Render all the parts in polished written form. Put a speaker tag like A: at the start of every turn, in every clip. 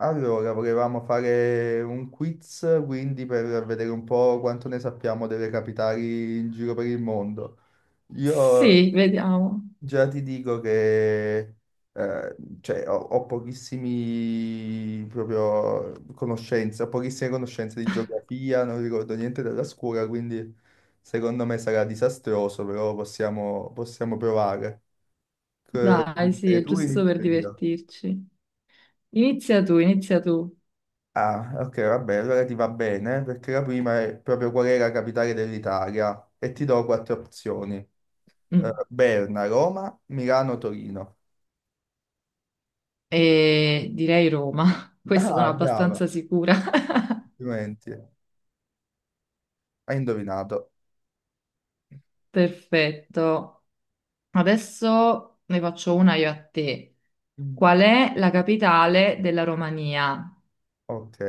A: Allora, volevamo fare un quiz, quindi per vedere un po' quanto ne sappiamo delle capitali in giro per il mondo. Io
B: Sì, vediamo.
A: già ti dico che cioè, ho pochissime conoscenze di geografia, non ricordo niente della scuola, quindi secondo me sarà disastroso, però possiamo provare. C-
B: Dai, sì, è
A: Tu
B: giusto per
A: inizio io.
B: divertirci. Inizia tu, inizia tu.
A: Ah, ok, vabbè, allora ti va bene, perché la prima è proprio qual è la capitale dell'Italia e ti do quattro opzioni.
B: Mm.
A: Berna, Roma, Milano, Torino.
B: E direi Roma. Questa sono
A: Ah, brava,
B: abbastanza sicura.
A: complimenti. Hai indovinato.
B: Perfetto. Adesso ne faccio una io a te.
A: Mm.
B: Qual è la capitale della Romania?
A: Ok.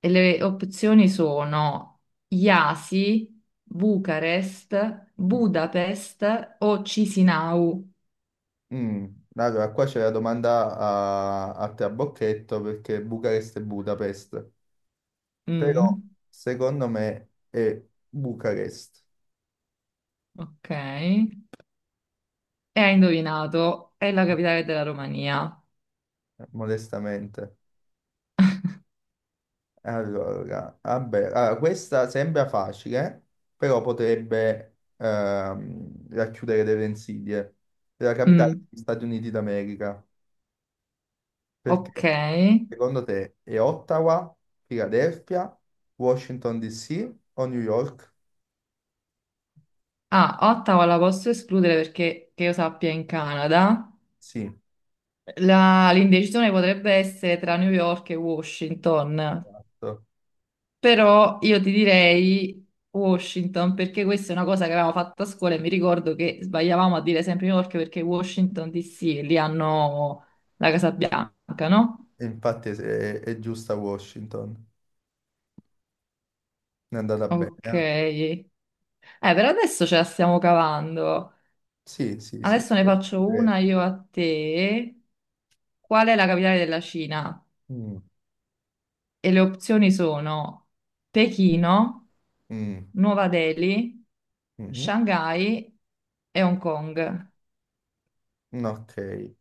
B: E le opzioni sono Iasi, Bucarest,
A: Mm.
B: Budapest o Cisinau.
A: Mm. Allora, qua c'è la domanda a trabocchetto perché Bucarest e Budapest, però
B: Mm,
A: secondo me è Bucarest,
B: ok. E hai indovinato, è la capitale della Romania.
A: modestamente. Allora, vabbè, allora, questa sembra facile, però potrebbe racchiudere delle insidie. La capitale
B: Mm,
A: degli Stati Uniti d'America.
B: ok.
A: Perché? Secondo te è Ottawa, Philadelphia, Washington DC o New York?
B: Ah, Ottawa la posso escludere perché, che io sappia, è in Canada.
A: Sì,
B: L'indecisione potrebbe essere tra New York e Washington,
A: giusto.
B: però io ti direi Washington perché questa è una cosa che avevamo fatto a scuola e mi ricordo che sbagliavamo a dire sempre New York perché Washington DC, lì hanno la Casa Bianca, no?
A: Infatti è giusta Washington. È andata bene.
B: Ok.
A: Eh?
B: Per adesso ce la stiamo cavando.
A: Sì, sì, sì.
B: Adesso ne faccio una io a te. Qual è la capitale della Cina?
A: Mm,
B: E le opzioni sono Pechino,
A: mm,
B: Nuova Delhi,
A: mm.
B: Shanghai e Hong Kong.
A: Mm. Ok.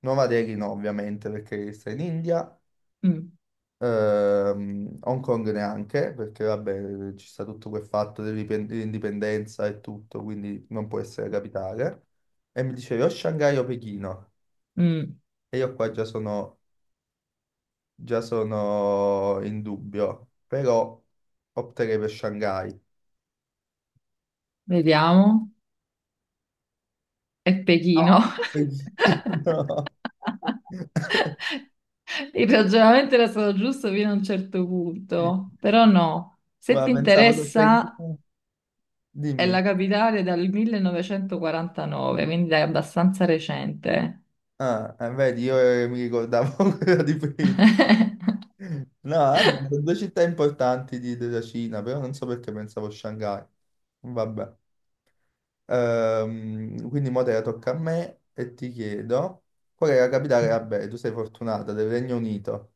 A: Nuova Delhi no, ovviamente, perché sta in India.
B: Mm,
A: Hong Kong neanche, perché vabbè, ci sta tutto quel fatto dell'indipendenza e tutto, quindi non può essere capitale. E mi dicevi o Shanghai o Pechino.
B: mm,
A: E io qua già sono in dubbio, però opterei per Shanghai.
B: vediamo. È Pechino.
A: No, Pechino!
B: Il ragionamento era stato giusto fino a un certo punto, però no. Se
A: Ma
B: ti
A: pensavo che
B: interessa,
A: Pechino...
B: è
A: Dimmi.
B: la capitale dal 1949, quindi è abbastanza recente.
A: Ah, vedi, io mi ricordavo quella di prima. No, abbiamo due città importanti della Cina, però non so perché pensavo a Shanghai. Vabbè. Quindi mo te la tocca a me e ti chiedo qual è la capitale? Vabbè, tu sei fortunata, del Regno Unito.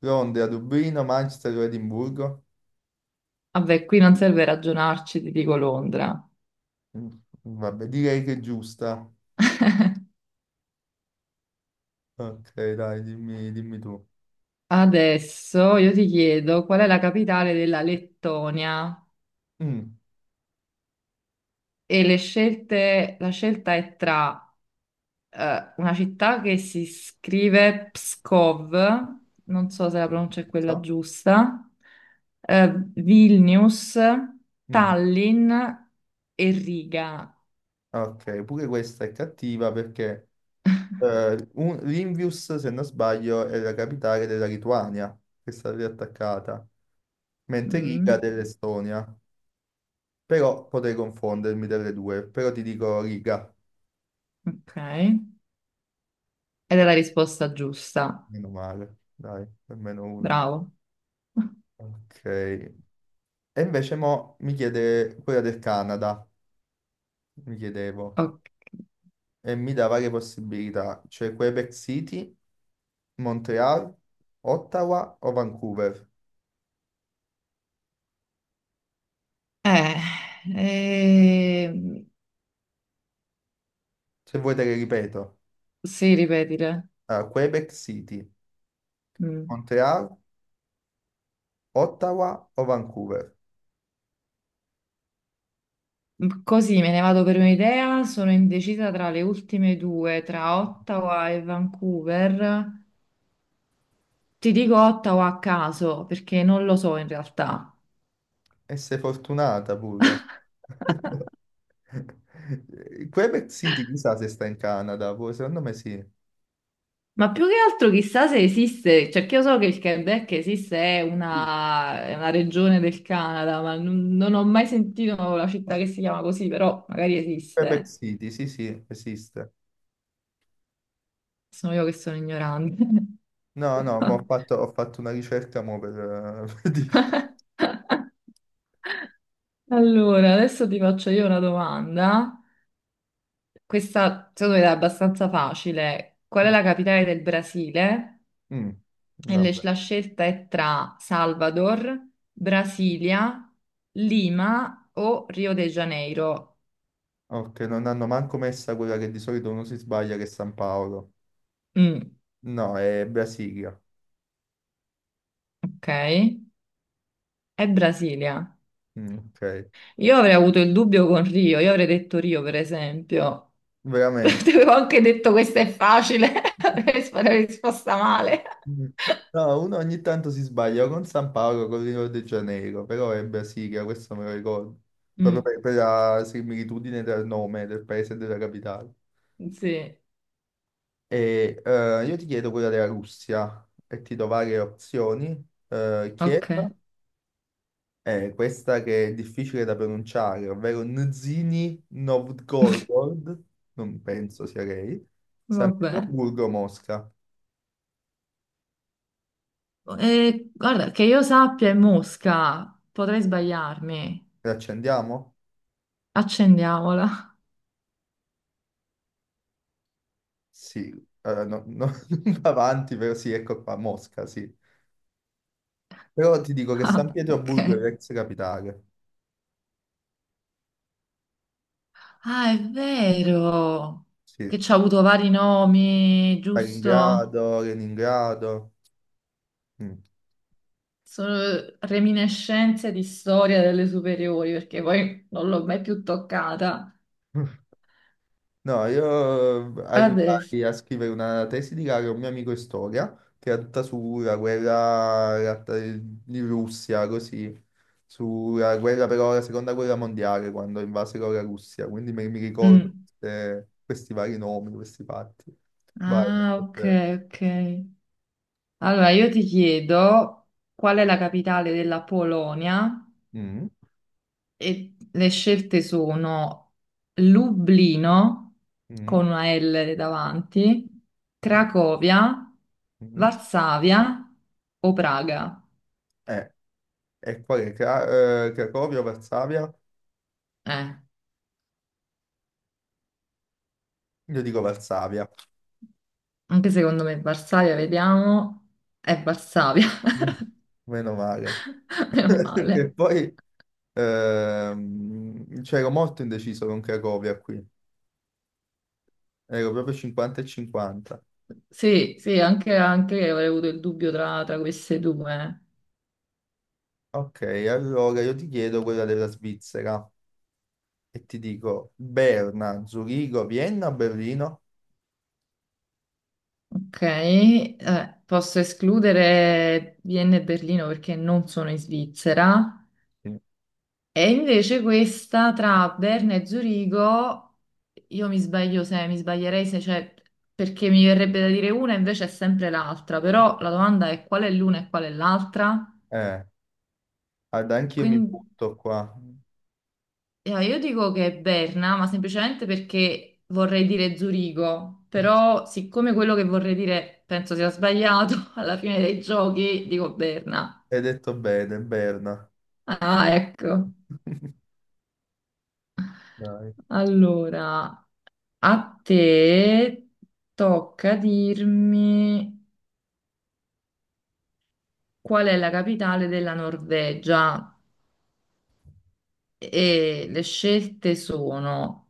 A: Londra, Dublino, Manchester o Edimburgo?
B: Vabbè, qui non serve ragionarci, ti dico Londra.
A: Mm, vabbè, direi che è giusta. Ok, dai, dimmi, dimmi tu.
B: Adesso io ti chiedo qual è la capitale della Lettonia
A: Mm,
B: e la scelta è tra una città che si scrive Pskov, non so se la pronuncia è
A: non
B: quella
A: so.
B: giusta, Vilnius,
A: Mm,
B: Tallinn e Riga.
A: ok, pure questa è cattiva perché Limvius, se non sbaglio, è la capitale della Lituania, che è stata riattaccata, mentre
B: Mm,
A: Riga dell'Estonia. Però potrei confondermi delle due, però ti dico Riga,
B: ok. Ed è la risposta giusta.
A: meno male, dai, almeno una.
B: Bravo.
A: Ok. E invece mo mi chiede quella del Canada, mi chiedevo,
B: Ok.
A: e mi dà varie possibilità, cioè Quebec City, Montreal, Ottawa o Vancouver.
B: Eh, ehm,
A: Se vuoi te le ripeto,
B: sì, ripetile.
A: allora, Quebec City,
B: Mm.
A: Montreal, Ottawa o Vancouver?
B: Così me ne vado per un'idea. Sono indecisa tra le ultime due, tra Ottawa e Vancouver. Ti dico Ottawa a caso perché non lo so in realtà.
A: E sei fortunata pure. Quebec City, chissà se sta in Canada, pure, secondo me sì.
B: Ma più che altro chissà se esiste, cioè che io so che il Quebec esiste, è
A: Sì.
B: è una regione del Canada, ma non ho mai sentito la città che si chiama così, però magari
A: Quebec
B: esiste.
A: City, sì, sì, esiste.
B: Sono io che sono ignorante.
A: No, no, ma ho fatto, ho fatto una ricerca mo per dirti.
B: Allora, adesso ti faccio io una domanda. Questa secondo me è abbastanza facile. Qual è la capitale del Brasile?
A: Mm,
B: E
A: vabbè.
B: la scelta è tra Salvador, Brasilia, Lima o Rio de Janeiro.
A: Ok, non hanno manco messa quella che di solito uno si sbaglia, che è San Paolo.
B: Mm,
A: No, è Brasilia.
B: ok, è Brasilia.
A: Mm, ok,
B: Io avrei avuto il dubbio con Rio, io avrei detto Rio per esempio. Ti
A: veramente.
B: avevo anche detto questa è facile, avrei avrei risposta male.
A: Mm. No, uno ogni tanto si sbaglia o con San Paolo o con Rio de Janeiro, però è Brasilia, questo me lo ricordo, proprio
B: Mm.
A: per la similitudine del nome del paese e della capitale.
B: Sì,
A: E io ti chiedo quella della Russia e ti do varie opzioni. Kiev
B: ok.
A: è questa che è difficile da pronunciare, ovvero Nizhny Novgorod, non penso sia lei, San
B: Vabbè.
A: Pietroburgo, Mosca.
B: E, guarda, che io sappia è Mosca, potrei sbagliarmi.
A: La accendiamo?
B: Accendiamola.
A: Sì, eh, no- no- non va avanti, però sì, ecco qua, Mosca, sì. Però ti dico che San
B: Ah, ok.
A: Pietroburgo è l'ex capitale,
B: Ah, è vero.
A: sì.
B: Che ci ha avuto vari nomi, giusto?
A: Stalingrado, Leningrado. Mm.
B: Sono reminiscenze di storia delle superiori, perché poi non l'ho mai più toccata.
A: No, io
B: Adesso.
A: aiutai a scrivere una tesi di laurea a un mio amico in storia, che era tutta sulla guerra di Russia, così, sulla guerra però, la seconda guerra mondiale, quando invasero la Russia, quindi mi ricordo
B: Mm.
A: questi vari nomi, questi fatti. Vai.
B: Ah, ok,
A: Eh.
B: ok. Allora, io ti chiedo qual è la capitale della Polonia?
A: Mm.
B: E le scelte sono Lublino,
A: Mm,
B: con una L davanti,
A: mm,
B: Cracovia,
A: mm.
B: Varsavia o Praga.
A: Eh, e qual è? Cracovia o Varsavia?
B: Eh,
A: Io dico Varsavia.
B: Anche secondo me Varsavia, vediamo, è Varsavia,
A: Uh. Meno male.
B: meno male.
A: Perché poi c'ero molto indeciso con Cracovia qui. Ero proprio 50 e 50.
B: Sì, sì, anche io avrei avuto il dubbio tra, tra queste due.
A: Ok, allora io ti chiedo quella della Svizzera e ti dico Berna, Zurigo, Vienna, o Berlino?
B: Ok, posso escludere Vienna e Berlino perché non sono in Svizzera.
A: Sì.
B: E invece questa tra Berna e Zurigo, io mi sbaglio se mi sbaglierei se c'è, perché mi verrebbe da dire una, invece è sempre l'altra, però la domanda è qual è l'una e qual è l'altra?
A: Eh, guarda, anch'io mi
B: Quindi
A: butto qua.
B: io dico che è Berna, ma semplicemente perché vorrei dire Zurigo, però siccome quello che vorrei dire penso sia sbagliato, alla fine dei giochi dico Berna.
A: Hai detto bene, Berna.
B: Ah, ecco.
A: Dai.
B: Allora, a te tocca dirmi qual è la capitale della Norvegia e le scelte sono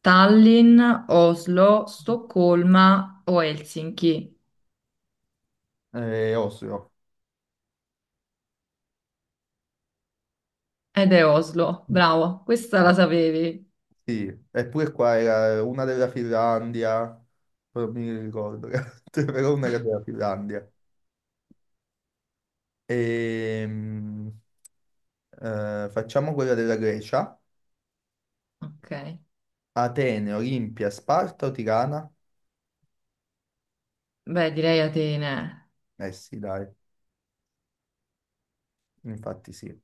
B: Tallinn, Oslo, Stoccolma o Helsinki.
A: Oslo.
B: Ed è Oslo, bravo, questa la sapevi.
A: Sì, eppure qua era una della Finlandia, però non mi ricordo, però una era della Finlandia. Ehm, facciamo quella della Grecia.
B: Ok,
A: Atene, Olimpia, Sparta o Tirana?
B: beh, direi Atene.
A: Eh sì, dai, infatti sì.